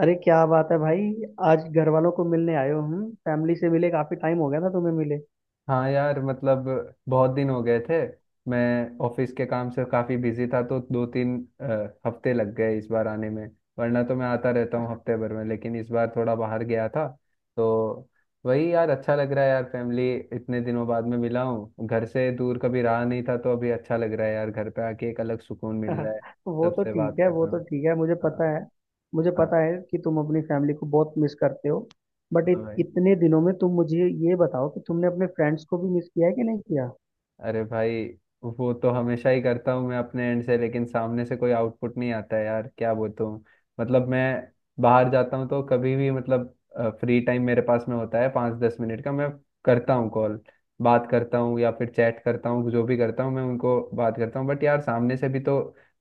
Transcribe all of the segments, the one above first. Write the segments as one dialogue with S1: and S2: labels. S1: अरे क्या बात है भाई। आज घर वालों को मिलने आए हो? हम फैमिली से मिले काफी टाइम हो गया ना, तुम्हें मिले।
S2: हाँ यार मतलब बहुत दिन हो गए थे। मैं ऑफिस के काम से काफ़ी बिजी था, तो 2-3 हफ्ते लग गए इस बार आने में। वरना तो मैं आता रहता हूँ हफ्ते भर में, लेकिन इस बार थोड़ा बाहर गया था। तो वही यार, अच्छा लग रहा है यार, फैमिली इतने दिनों बाद में मिला हूँ। घर से दूर कभी रहा नहीं था, तो अभी अच्छा लग रहा है यार, घर पे आके एक अलग सुकून मिल रहा है,
S1: वो तो
S2: सबसे
S1: ठीक
S2: बात
S1: है,
S2: कर
S1: वो
S2: रहा
S1: तो
S2: हूँ।
S1: ठीक है, मुझे
S2: हाँ।
S1: पता है। मुझे
S2: हाँ।
S1: पता है कि तुम अपनी फैमिली को बहुत मिस करते हो। बट
S2: हाँ
S1: इत,
S2: भाई।
S1: इतने दिनों में तुम मुझे ये बताओ कि तुमने अपने फ्रेंड्स को भी मिस किया है कि नहीं किया।
S2: अरे भाई, वो तो हमेशा ही करता हूँ मैं अपने एंड से, लेकिन सामने से कोई आउटपुट नहीं आता है यार, क्या बोलता हूँ। मतलब मैं बाहर जाता हूँ तो कभी भी, मतलब फ्री टाइम मेरे पास में होता है 5-10 मिनट का, मैं करता हूँ कॉल, बात करता हूँ या फिर चैट करता हूँ, जो भी करता हूँ मैं उनको, बात करता हूँ। बट यार सामने से भी तो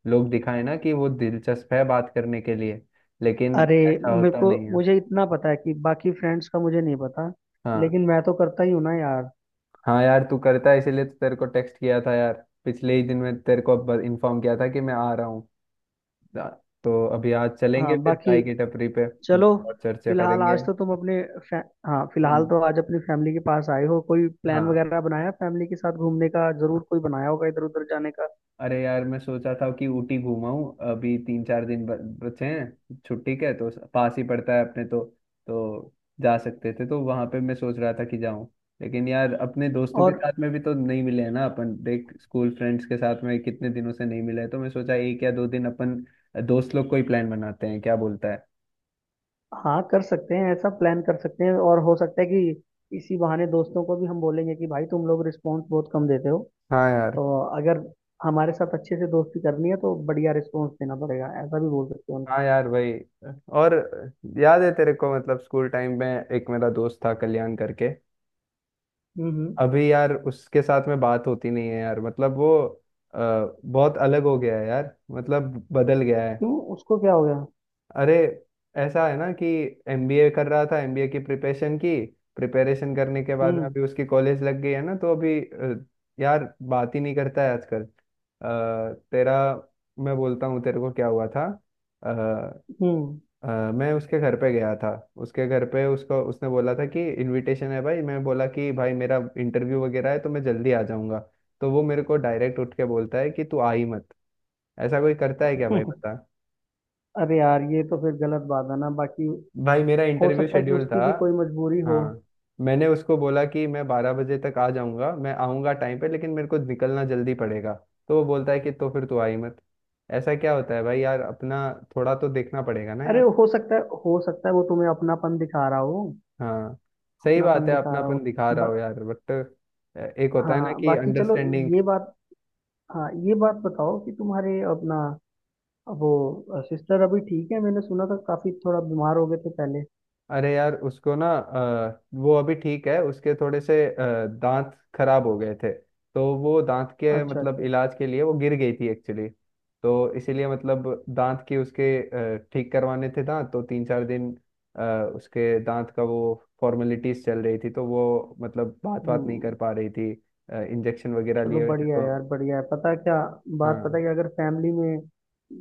S2: लोग दिखाए ना कि वो दिलचस्प है बात करने के लिए, लेकिन
S1: अरे,
S2: ऐसा
S1: मेरे
S2: होता
S1: को
S2: नहीं है।
S1: मुझे इतना पता है कि बाकी फ्रेंड्स का मुझे नहीं पता,
S2: हाँ।
S1: लेकिन मैं तो करता ही हूँ ना यार।
S2: हाँ यार, तू करता है इसीलिए तो तेरे को टेक्स्ट किया था यार। पिछले ही दिन मैं तेरे को इन्फॉर्म किया था कि मैं आ रहा हूँ। ना- तो अभी आज चलेंगे
S1: हाँ
S2: फिर चाय
S1: बाकी,
S2: की टपरी पे
S1: चलो।
S2: और चर्चा
S1: फिलहाल
S2: करेंगे।
S1: आज तो तुम अपने फै... हाँ, फिलहाल
S2: हम्म।
S1: तो आज अपनी फैमिली के पास आए हो। कोई प्लान
S2: हाँ।
S1: वगैरह बनाया फैमिली के साथ घूमने का? जरूर कोई बनाया होगा इधर उधर जाने का।
S2: अरे यार, मैं सोचा था कि ऊटी घूमाऊं, अभी 3-4 दिन बचे हैं छुट्टी के, तो पास ही पड़ता है अपने तो जा सकते थे, तो वहां पे मैं सोच रहा था कि जाऊं। लेकिन यार, अपने दोस्तों के
S1: और
S2: साथ में भी तो नहीं मिले हैं ना अपन। देख, स्कूल फ्रेंड्स के साथ में कितने दिनों से नहीं मिले, तो मैं सोचा एक या दो दिन अपन दोस्त लोग को ही प्लान बनाते हैं, क्या बोलता है।
S1: हाँ, कर सकते हैं, ऐसा प्लान कर सकते हैं। और हो सकता है कि इसी बहाने दोस्तों को भी हम बोलेंगे कि भाई तुम लोग रिस्पॉन्स बहुत कम देते हो।
S2: हाँ यार।
S1: तो अगर हमारे साथ अच्छे से दोस्ती करनी है तो बढ़िया रिस्पॉन्स देना पड़ेगा, ऐसा भी बोल सकते हैं उनको।
S2: हाँ यार वही। और याद है तेरे को, मतलब स्कूल टाइम में एक मेरा दोस्त था कल्याण करके।
S1: हम्म।
S2: अभी यार उसके साथ में बात होती नहीं है यार, मतलब वो अ, बहुत अलग हो गया है यार, मतलब बदल गया है।
S1: क्यों, उसको क्या हो गया?
S2: अरे, ऐसा है ना कि एमबीए कर रहा था, एमबीए की प्रिपरेशन करने के बाद में
S1: हम्म
S2: अभी उसकी कॉलेज लग गई है ना, तो अभी यार बात ही नहीं करता है आजकल। तेरा, मैं बोलता हूँ तेरे को क्या हुआ था। अ,
S1: हम्म।
S2: मैं उसके घर पे गया था। उसके घर पे उसको उसने बोला था कि इनविटेशन है भाई, मैं बोला कि भाई मेरा इंटरव्यू वगैरह है, तो मैं जल्दी आ जाऊंगा। तो वो मेरे को डायरेक्ट उठ के बोलता है कि तू आ ही मत। ऐसा कोई करता है क्या भाई, बता।
S1: अरे यार ये तो फिर गलत बात है ना बाकी।
S2: भाई मेरा
S1: हो
S2: इंटरव्यू
S1: सकता है कि
S2: शेड्यूल था।
S1: उसकी भी कोई मजबूरी हो।
S2: हाँ। मैंने उसको बोला कि मैं 12 बजे तक आ जाऊंगा, मैं आऊंगा टाइम पे, लेकिन मेरे को निकलना जल्दी पड़ेगा। तो वो बोलता है कि तो फिर तू आ ही मत। ऐसा क्या होता है भाई यार, अपना थोड़ा तो देखना पड़ेगा ना।
S1: अरे हो सकता है, हो सकता है वो तुम्हें अपनापन दिखा रहा हो।
S2: हाँ सही बात
S1: अपनापन
S2: है,
S1: दिखा
S2: अपना
S1: रहा हो
S2: अपन दिखा रहा हो यार, बट एक होता है ना
S1: हाँ
S2: कि
S1: बाकी, चलो।
S2: अंडरस्टैंडिंग।
S1: ये बात, हाँ ये बात बताओ कि तुम्हारे अपना वो सिस्टर अभी ठीक है? मैंने सुना था काफी थोड़ा बीमार हो गए थे पहले।
S2: अरे यार, उसको ना वो अभी ठीक है, उसके थोड़े से दांत खराब हो गए थे। तो वो दांत के,
S1: अच्छा
S2: मतलब
S1: अच्छा।
S2: इलाज के लिए, वो गिर गई थी एक्चुअली। तो इसीलिए, मतलब दांत की उसके ठीक करवाने थे दांत, तो 3-4 दिन अ, उसके दांत का वो फॉर्मेलिटीज चल रही थी, तो वो मतलब बात बात नहीं
S1: हम्म।
S2: कर पा रही थी। इंजेक्शन वगैरह
S1: चलो
S2: लिए हुए थे
S1: बढ़िया है
S2: तो।
S1: यार, बढ़िया है। पता है क्या बात, पता
S2: हाँ।
S1: है कि अगर फैमिली में,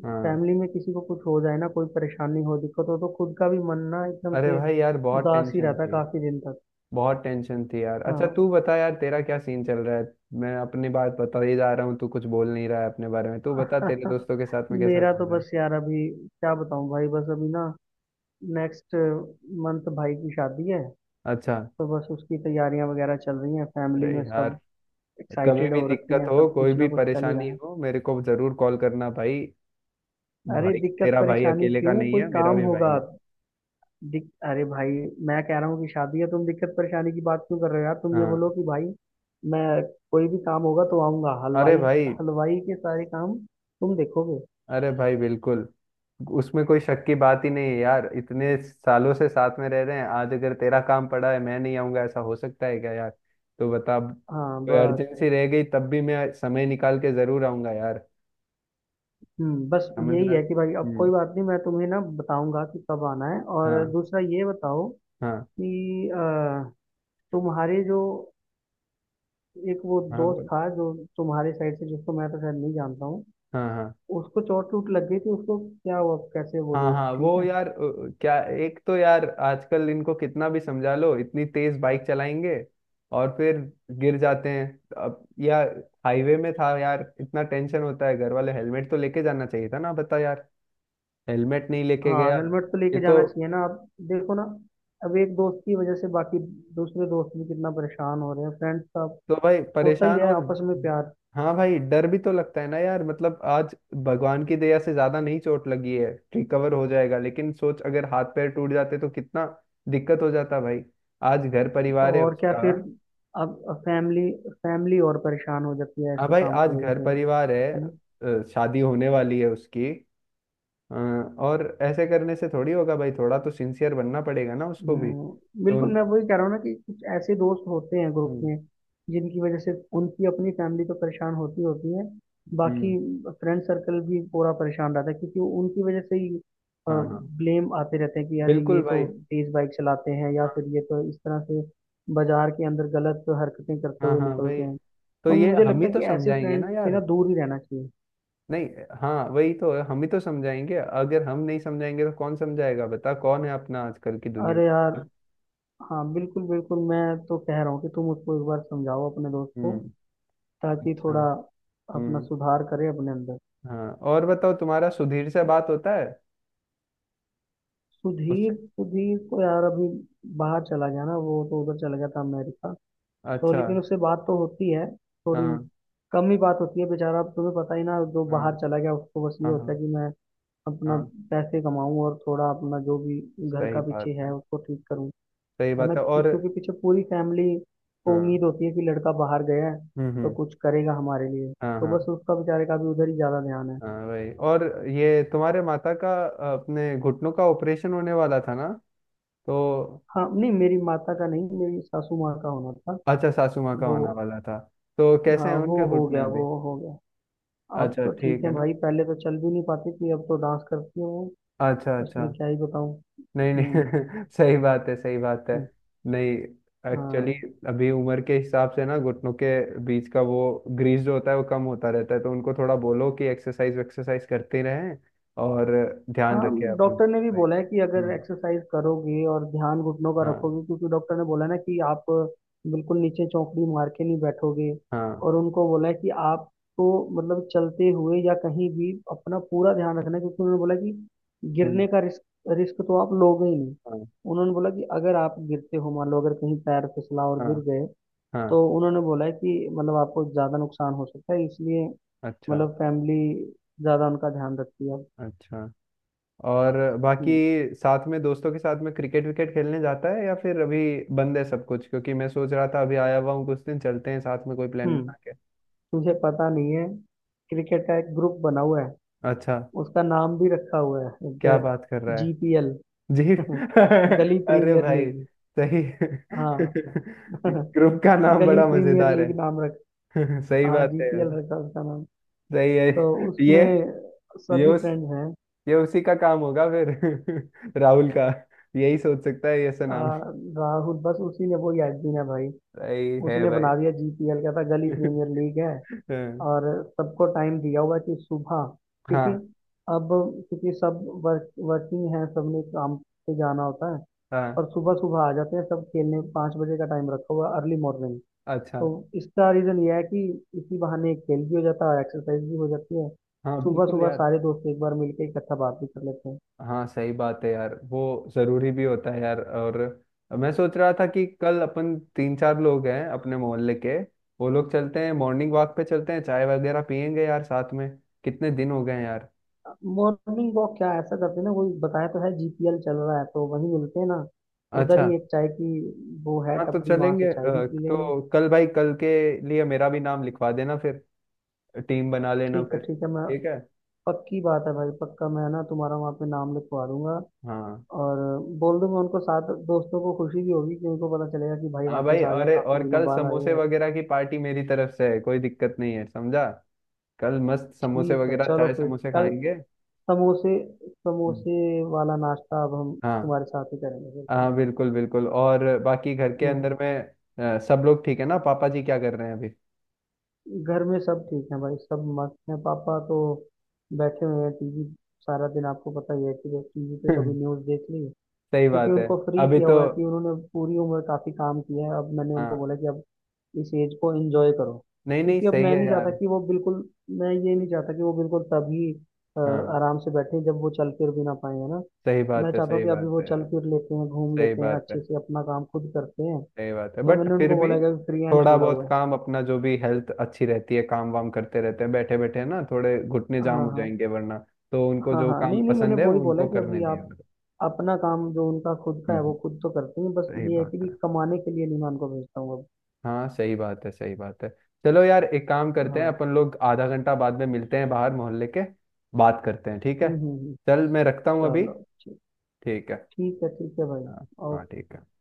S2: हाँ
S1: फैमिली में किसी को कुछ हो जाए ना, कोई परेशानी हो दिक्कत हो तो खुद का भी मन ना एकदम
S2: अरे
S1: से
S2: भाई यार, बहुत
S1: उदास ही
S2: टेंशन
S1: रहता है
S2: थी।
S1: काफी दिन तक।
S2: बहुत टेंशन थी यार। अच्छा
S1: हाँ।
S2: तू बता यार, तेरा क्या सीन चल रहा है। मैं अपनी बात बता ही जा रहा हूँ, तू कुछ बोल नहीं रहा है अपने बारे में। तू बता, तेरे दोस्तों के साथ में कैसा
S1: मेरा तो
S2: चल रहा है।
S1: बस यार, अभी क्या बताऊं भाई, बस अभी ना नेक्स्ट मंथ भाई की शादी है।
S2: अच्छा।
S1: तो बस उसकी तैयारियां वगैरह चल रही हैं। फैमिली
S2: अरे
S1: में
S2: यार,
S1: सब
S2: कभी
S1: एक्साइटेड
S2: भी
S1: हो रखे
S2: दिक्कत
S1: हैं,
S2: हो,
S1: सब
S2: कोई
S1: कुछ ना
S2: भी
S1: कुछ चल ही
S2: परेशानी
S1: रहा है।
S2: हो, मेरे को जरूर कॉल करना भाई।
S1: अरे
S2: भाई
S1: दिक्कत
S2: तेरा भाई
S1: परेशानी
S2: अकेले का
S1: क्यों,
S2: नहीं
S1: कोई
S2: है, मेरा
S1: काम
S2: भी भाई
S1: होगा।
S2: है।
S1: अरे भाई, मैं कह रहा हूँ कि शादी है, तुम दिक्कत परेशानी की बात क्यों कर रहे हो यार। तुम ये
S2: हाँ।
S1: बोलो कि भाई मैं कोई भी काम होगा तो आऊंगा।
S2: अरे
S1: हलवाई,
S2: भाई।
S1: हलवाई के सारे काम तुम देखोगे।
S2: अरे भाई बिल्कुल, उसमें कोई शक की बात ही नहीं है यार। इतने सालों से साथ में रह रहे हैं, आज अगर तेरा काम पड़ा है मैं नहीं आऊंगा, ऐसा हो सकता है क्या यार, तो बता।
S1: हाँ
S2: कोई
S1: बस।
S2: अर्जेंसी रह गई तब भी मैं समय निकाल के जरूर आऊंगा यार।
S1: हम्म, बस
S2: समझ
S1: यही
S2: रहा।
S1: है कि भाई अब
S2: हम्म।
S1: कोई बात नहीं, मैं तुम्हें ना बताऊंगा कि कब आना है। और
S2: हाँ।
S1: दूसरा ये बताओ
S2: हाँ।
S1: कि तुम्हारे जो एक वो
S2: हाँ
S1: दोस्त
S2: बोल।
S1: था जो तुम्हारे साइड से, जिसको मैं तो शायद नहीं जानता हूँ,
S2: हाँ हाँ।
S1: उसको चोट टूट लग गई थी। उसको क्या हुआ, कैसे? वो
S2: हाँ।
S1: दोस्त
S2: हाँ
S1: ठीक
S2: वो
S1: है?
S2: यार, क्या, एक तो यार आजकल इनको कितना भी समझा लो, इतनी तेज बाइक चलाएंगे और फिर गिर जाते हैं। अब यार, हाईवे में था यार, इतना टेंशन होता है। घर वाले, हेलमेट तो लेके जाना चाहिए था ना, बता यार। हेलमेट नहीं लेके
S1: हाँ
S2: गया।
S1: हेलमेट तो
S2: ये
S1: लेके
S2: तो।
S1: जाना चाहिए ना। आप देखो ना, अब एक दोस्त की वजह से बाकी दूसरे दोस्त भी कितना परेशान हो रहे हैं। फ्रेंड्स का
S2: तो भाई
S1: होता ही
S2: परेशान,
S1: है
S2: और
S1: आपस में प्यार।
S2: हाँ भाई डर भी तो लगता है ना यार, मतलब आज भगवान की दया से ज्यादा नहीं चोट लगी है, रिकवर हो जाएगा, लेकिन सोच, अगर हाथ पैर टूट जाते तो कितना दिक्कत हो जाता भाई। आज घर
S1: तो
S2: परिवार है
S1: और क्या
S2: उसका।
S1: फिर, अब फैमिली, फैमिली और परेशान हो जाती है
S2: हाँ
S1: ऐसे
S2: भाई,
S1: काम
S2: आज
S1: की वजह
S2: घर
S1: से। है
S2: परिवार है,
S1: ना।
S2: शादी होने वाली है उसकी, और ऐसे करने से थोड़ी होगा भाई, थोड़ा तो सिंसियर बनना पड़ेगा ना उसको भी तो।
S1: बिल्कुल, मैं वही कह रहा हूँ ना कि कुछ ऐसे दोस्त होते हैं ग्रुप
S2: हम्म।
S1: में जिनकी वजह से उनकी अपनी फैमिली तो परेशान होती होती है, बाकी
S2: हम्म।
S1: फ्रेंड सर्कल भी पूरा परेशान रहता है, क्योंकि उनकी वजह से ही
S2: हाँ हाँ
S1: ब्लेम आते रहते हैं कि अरे ये
S2: बिल्कुल भाई।
S1: तो तेज बाइक चलाते हैं या
S2: हाँ।
S1: फिर ये तो इस तरह से बाजार के अंदर गलत हरकतें करते
S2: हाँ।
S1: हुए
S2: हाँ भाई,
S1: निकलते हैं।
S2: तो
S1: तो
S2: ये
S1: मुझे
S2: हम
S1: लगता
S2: ही
S1: है
S2: तो
S1: कि ऐसे
S2: समझाएंगे
S1: फ्रेंड
S2: ना
S1: से ना
S2: यार।
S1: दूर ही रहना चाहिए।
S2: नहीं, हाँ वही तो है, हम ही तो समझाएंगे, अगर हम नहीं समझाएंगे तो कौन समझाएगा, बता, कौन है अपना आजकल की दुनिया
S1: अरे
S2: का,
S1: यार,
S2: हाँ।
S1: हाँ बिल्कुल बिल्कुल, मैं तो कह रहा हूँ कि तुम उसको एक बार समझाओ अपने दोस्त को,
S2: हम्म।
S1: ताकि
S2: अच्छा।
S1: थोड़ा अपना
S2: हम्म।
S1: सुधार करे अपने अंदर।
S2: हाँ और बताओ, तुम्हारा सुधीर से बात होता है उससे।
S1: सुधीर? सुधीर तो यार अभी बाहर चला गया ना, वो तो उधर चला गया था अमेरिका। तो
S2: अच्छा।
S1: लेकिन उससे बात तो होती है, थोड़ी
S2: हाँ।
S1: कम ही बात होती है। बेचारा, अब तुम्हें पता ही ना, जो
S2: हाँ।
S1: बाहर चला गया उसको बस ये
S2: हाँ।
S1: होता
S2: हाँ।
S1: है कि मैं अपना
S2: हाँ
S1: पैसे कमाऊं और थोड़ा अपना जो भी घर
S2: सही
S1: का पीछे
S2: बात
S1: है
S2: है।
S1: उसको ठीक करूं।
S2: सही
S1: है ना,
S2: बात है और
S1: क्योंकि क्योंकि पीछे पूरी फैमिली को
S2: हाँ।
S1: उम्मीद होती है कि लड़का बाहर गया है
S2: हम्म।
S1: तो
S2: हम्म।
S1: कुछ करेगा हमारे लिए।
S2: हाँ।
S1: तो बस
S2: हाँ।
S1: उसका, बेचारे का भी उधर ही ज्यादा ध्यान है।
S2: हाँ वही, और ये तुम्हारे माता का अपने घुटनों का ऑपरेशन होने वाला था ना, तो।
S1: हाँ नहीं, मेरी माता का नहीं, मेरी सासू माँ का होना था
S2: अच्छा, सासू माँ का
S1: वो।
S2: होने वाला था। तो कैसे
S1: हाँ
S2: हैं
S1: वो
S2: उनके
S1: हो
S2: घुटने
S1: गया,
S2: अभी।
S1: वो हो गया। अब
S2: अच्छा
S1: तो ठीक
S2: ठीक
S1: है
S2: है ना।
S1: भाई, पहले तो चल भी नहीं पाती थी, अब तो डांस करती है वो।
S2: अच्छा अच्छा।
S1: उसमें क्या ही बताऊँ।
S2: नहीं
S1: हम्म
S2: नहीं, सही बात है सही बात है।
S1: हम्म।
S2: नहीं, एक्चुअली
S1: हाँ
S2: अभी उम्र के हिसाब से ना, घुटनों के बीच का वो ग्रीस जो होता है वो कम होता रहता है, तो उनको थोड़ा बोलो कि एक्सरसाइज एक्सरसाइज करते रहें और ध्यान
S1: हाँ,
S2: रखें अपना।
S1: डॉक्टर ने भी बोला है कि अगर
S2: हम्म।
S1: एक्सरसाइज करोगे और ध्यान घुटनों का
S2: हाँ।
S1: रखोगे, क्योंकि डॉक्टर ने बोला ना कि आप बिल्कुल नीचे चौकड़ी मार के नहीं बैठोगे।
S2: हाँ।
S1: और उनको बोला है कि आपको मतलब चलते हुए या कहीं भी अपना पूरा ध्यान रखना है, क्योंकि उन्होंने बोला कि
S2: हम्म।
S1: गिरने का रिस्क, रिस्क तो आप लोगे ही नहीं।
S2: हाँ।
S1: उन्होंने बोला कि अगर आप गिरते हो, मान लो अगर कहीं पैर फिसला और गिर
S2: हाँ।
S1: गए,
S2: हाँ।
S1: तो उन्होंने बोला है कि मतलब आपको ज़्यादा नुकसान हो सकता है, इसलिए
S2: अच्छा
S1: मतलब फैमिली ज़्यादा उनका ध्यान रखती है।
S2: अच्छा, और बाकी
S1: हम्म
S2: साथ में, दोस्तों के साथ में क्रिकेट विकेट खेलने जाता है, या फिर अभी बंद है सब कुछ, क्योंकि मैं सोच रहा था अभी आया हुआ हूँ, कुछ दिन चलते हैं साथ में कोई प्लान
S1: हम्म।
S2: बना के।
S1: तुझे पता नहीं है, क्रिकेट का एक ग्रुप बना हुआ है,
S2: अच्छा।
S1: उसका नाम भी रखा हुआ है
S2: क्या
S1: एक,
S2: बात कर रहा है।
S1: जीपीएल।
S2: जी
S1: गली
S2: अरे
S1: प्रीमियर
S2: भाई,
S1: लीग।
S2: सही
S1: हाँ।
S2: ग्रुप का नाम
S1: गली
S2: बड़ा
S1: प्रीमियर
S2: मजेदार है।
S1: लीग नाम रख,
S2: सही
S1: हाँ
S2: बात है यार।
S1: जीपीएल रखा उसका नाम।
S2: सही है।
S1: तो
S2: ये
S1: उसमें
S2: ये
S1: सभी
S2: उस
S1: फ्रेंड्स हैं।
S2: ये उसी का काम होगा फिर, राहुल का। यही सोच सकता है ऐसा
S1: आ,
S2: नाम।
S1: राहुल, बस उसी ने, वो यादवीन है भाई।
S2: सही है
S1: उसने
S2: भाई
S1: बना दिया जीपीएल का, था गली प्रीमियर लीग है।
S2: हाँ।
S1: और सबको टाइम दिया हुआ कि सुबह, क्योंकि
S2: हाँ
S1: अब क्योंकि सब वर्किंग है, सबने काम पे जाना होता है,
S2: हाँ।
S1: और सुबह सुबह आ जाते हैं सब खेलने। पाँच बजे का टाइम रखा हुआ, अर्ली मॉर्निंग।
S2: अच्छा।
S1: तो इसका रीज़न यह है कि इसी बहाने खेल भी हो जाता है और एक्सरसाइज भी हो जाती है।
S2: हाँ
S1: सुबह
S2: बिल्कुल
S1: सुबह
S2: यार।
S1: सारे दोस्त एक बार मिलकर इकट्ठा बात भी कर लेते हैं।
S2: हाँ सही बात है यार, वो जरूरी भी होता है यार। और मैं सोच रहा था कि कल अपन 3-4 लोग हैं अपने मोहल्ले के, वो लोग चलते हैं मॉर्निंग वॉक पे, चलते हैं चाय वगैरह पियेंगे यार साथ में, कितने दिन हो गए हैं यार।
S1: मॉर्निंग वॉक क्या, ऐसा करते हैं ना, कोई बताया तो है जीपीएल चल रहा है तो वहीं मिलते हैं ना। उधर
S2: अच्छा।
S1: ही एक चाय की वो है
S2: हाँ तो
S1: टपरी, वहां
S2: चलेंगे,
S1: से चाय भी पी लेंगे।
S2: तो कल भाई, कल के लिए मेरा भी नाम लिखवा देना फिर, टीम बना लेना
S1: ठीक है
S2: फिर।
S1: ठीक है, मैं
S2: ठीक है।
S1: पक्की बात है भाई, पक्का मैं ना तुम्हारा वहाँ पे नाम लिखवा दूंगा
S2: हाँ।
S1: और बोल दूंगा उनको। साथ दोस्तों को खुशी भी होगी कि उनको पता चलेगा कि भाई
S2: हाँ भाई,
S1: वापस आ गए,
S2: अरे
S1: काफी
S2: और
S1: दिनों
S2: कल
S1: बाद आए
S2: समोसे
S1: हैं।
S2: वगैरह की पार्टी मेरी तरफ से है, कोई दिक्कत नहीं है, समझा। कल मस्त समोसे
S1: ठीक है,
S2: वगैरह,
S1: चलो
S2: चाय
S1: फिर।
S2: समोसे
S1: कल
S2: खाएंगे।
S1: समोसे,
S2: हम्म।
S1: समोसे वाला नाश्ता अब हम
S2: हाँ।
S1: तुम्हारे साथ ही करेंगे फिर
S2: हाँ
S1: चलेंगे।
S2: बिल्कुल बिल्कुल, और बाकी घर के
S1: हम्म।
S2: अंदर में सब लोग ठीक है ना, पापा जी क्या कर रहे हैं अभी।
S1: घर में सब ठीक है भाई, सब मस्त हैं। पापा तो बैठे हुए हैं टीवी, सारा दिन आपको पता ही है कि वो टीवी पे कभी न्यूज़ देख ली।
S2: सही
S1: क्योंकि
S2: बात है।
S1: उनको फ्री
S2: अभी
S1: किया
S2: तो
S1: हुआ है, कि उन्होंने पूरी उम्र काफी काम किया है, अब मैंने उनको
S2: हाँ,
S1: बोला कि अब इस एज को एंजॉय करो।
S2: नहीं नहीं,
S1: क्योंकि अब
S2: सही
S1: मैं
S2: है
S1: नहीं चाहता
S2: यार।
S1: कि वो बिल्कुल, मैं ये नहीं चाहता कि वो बिल्कुल तभी
S2: हाँ
S1: आराम से बैठे जब वो चल फिर भी ना पाए, है ना। मैं चाहता हूँ
S2: सही
S1: कि अभी
S2: बात
S1: वो
S2: है
S1: चल
S2: यार।
S1: फिर लेते हैं, घूम
S2: सही
S1: लेते हैं,
S2: बात
S1: अच्छे
S2: है
S1: से अपना काम खुद करते हैं।
S2: सही बात है,
S1: तो
S2: बट
S1: मैंने
S2: फिर
S1: उनको
S2: भी
S1: बोला है कि अभी फ्री हैंड
S2: थोड़ा
S1: छोड़ा
S2: बहुत
S1: हुआ है।
S2: काम, अपना जो भी, हेल्थ अच्छी रहती है काम वाम करते रहते हैं, बैठे बैठे ना थोड़े घुटने जाम
S1: हाँ
S2: हो
S1: हाँ।
S2: जाएंगे वरना। तो उनको
S1: हाँ
S2: जो
S1: हाँ,
S2: काम
S1: नहीं नहीं, मैंने
S2: पसंद है वो
S1: वही बोला
S2: उनको
S1: कि
S2: करने
S1: अभी
S2: दिया
S1: आप
S2: करो।
S1: अपना काम जो उनका खुद का है
S2: हम्म
S1: वो
S2: हम्म,
S1: खुद तो करते हैं, बस
S2: सही
S1: ये है
S2: बात है।
S1: कि कमाने के लिए नहीं मैं उनको भेजता हूँ अब।
S2: हाँ सही बात है सही बात है। चलो यार, एक काम करते हैं,
S1: हाँ
S2: अपन लोग आधा घंटा बाद में मिलते हैं बाहर मोहल्ले के, बात करते हैं, ठीक है।
S1: हम्म।
S2: चल मैं रखता हूँ अभी।
S1: चलो, ठीक।
S2: ठीक है।
S1: ठीक है, ठीक है भाई।
S2: हाँ हाँ
S1: ओके।
S2: ठीक है।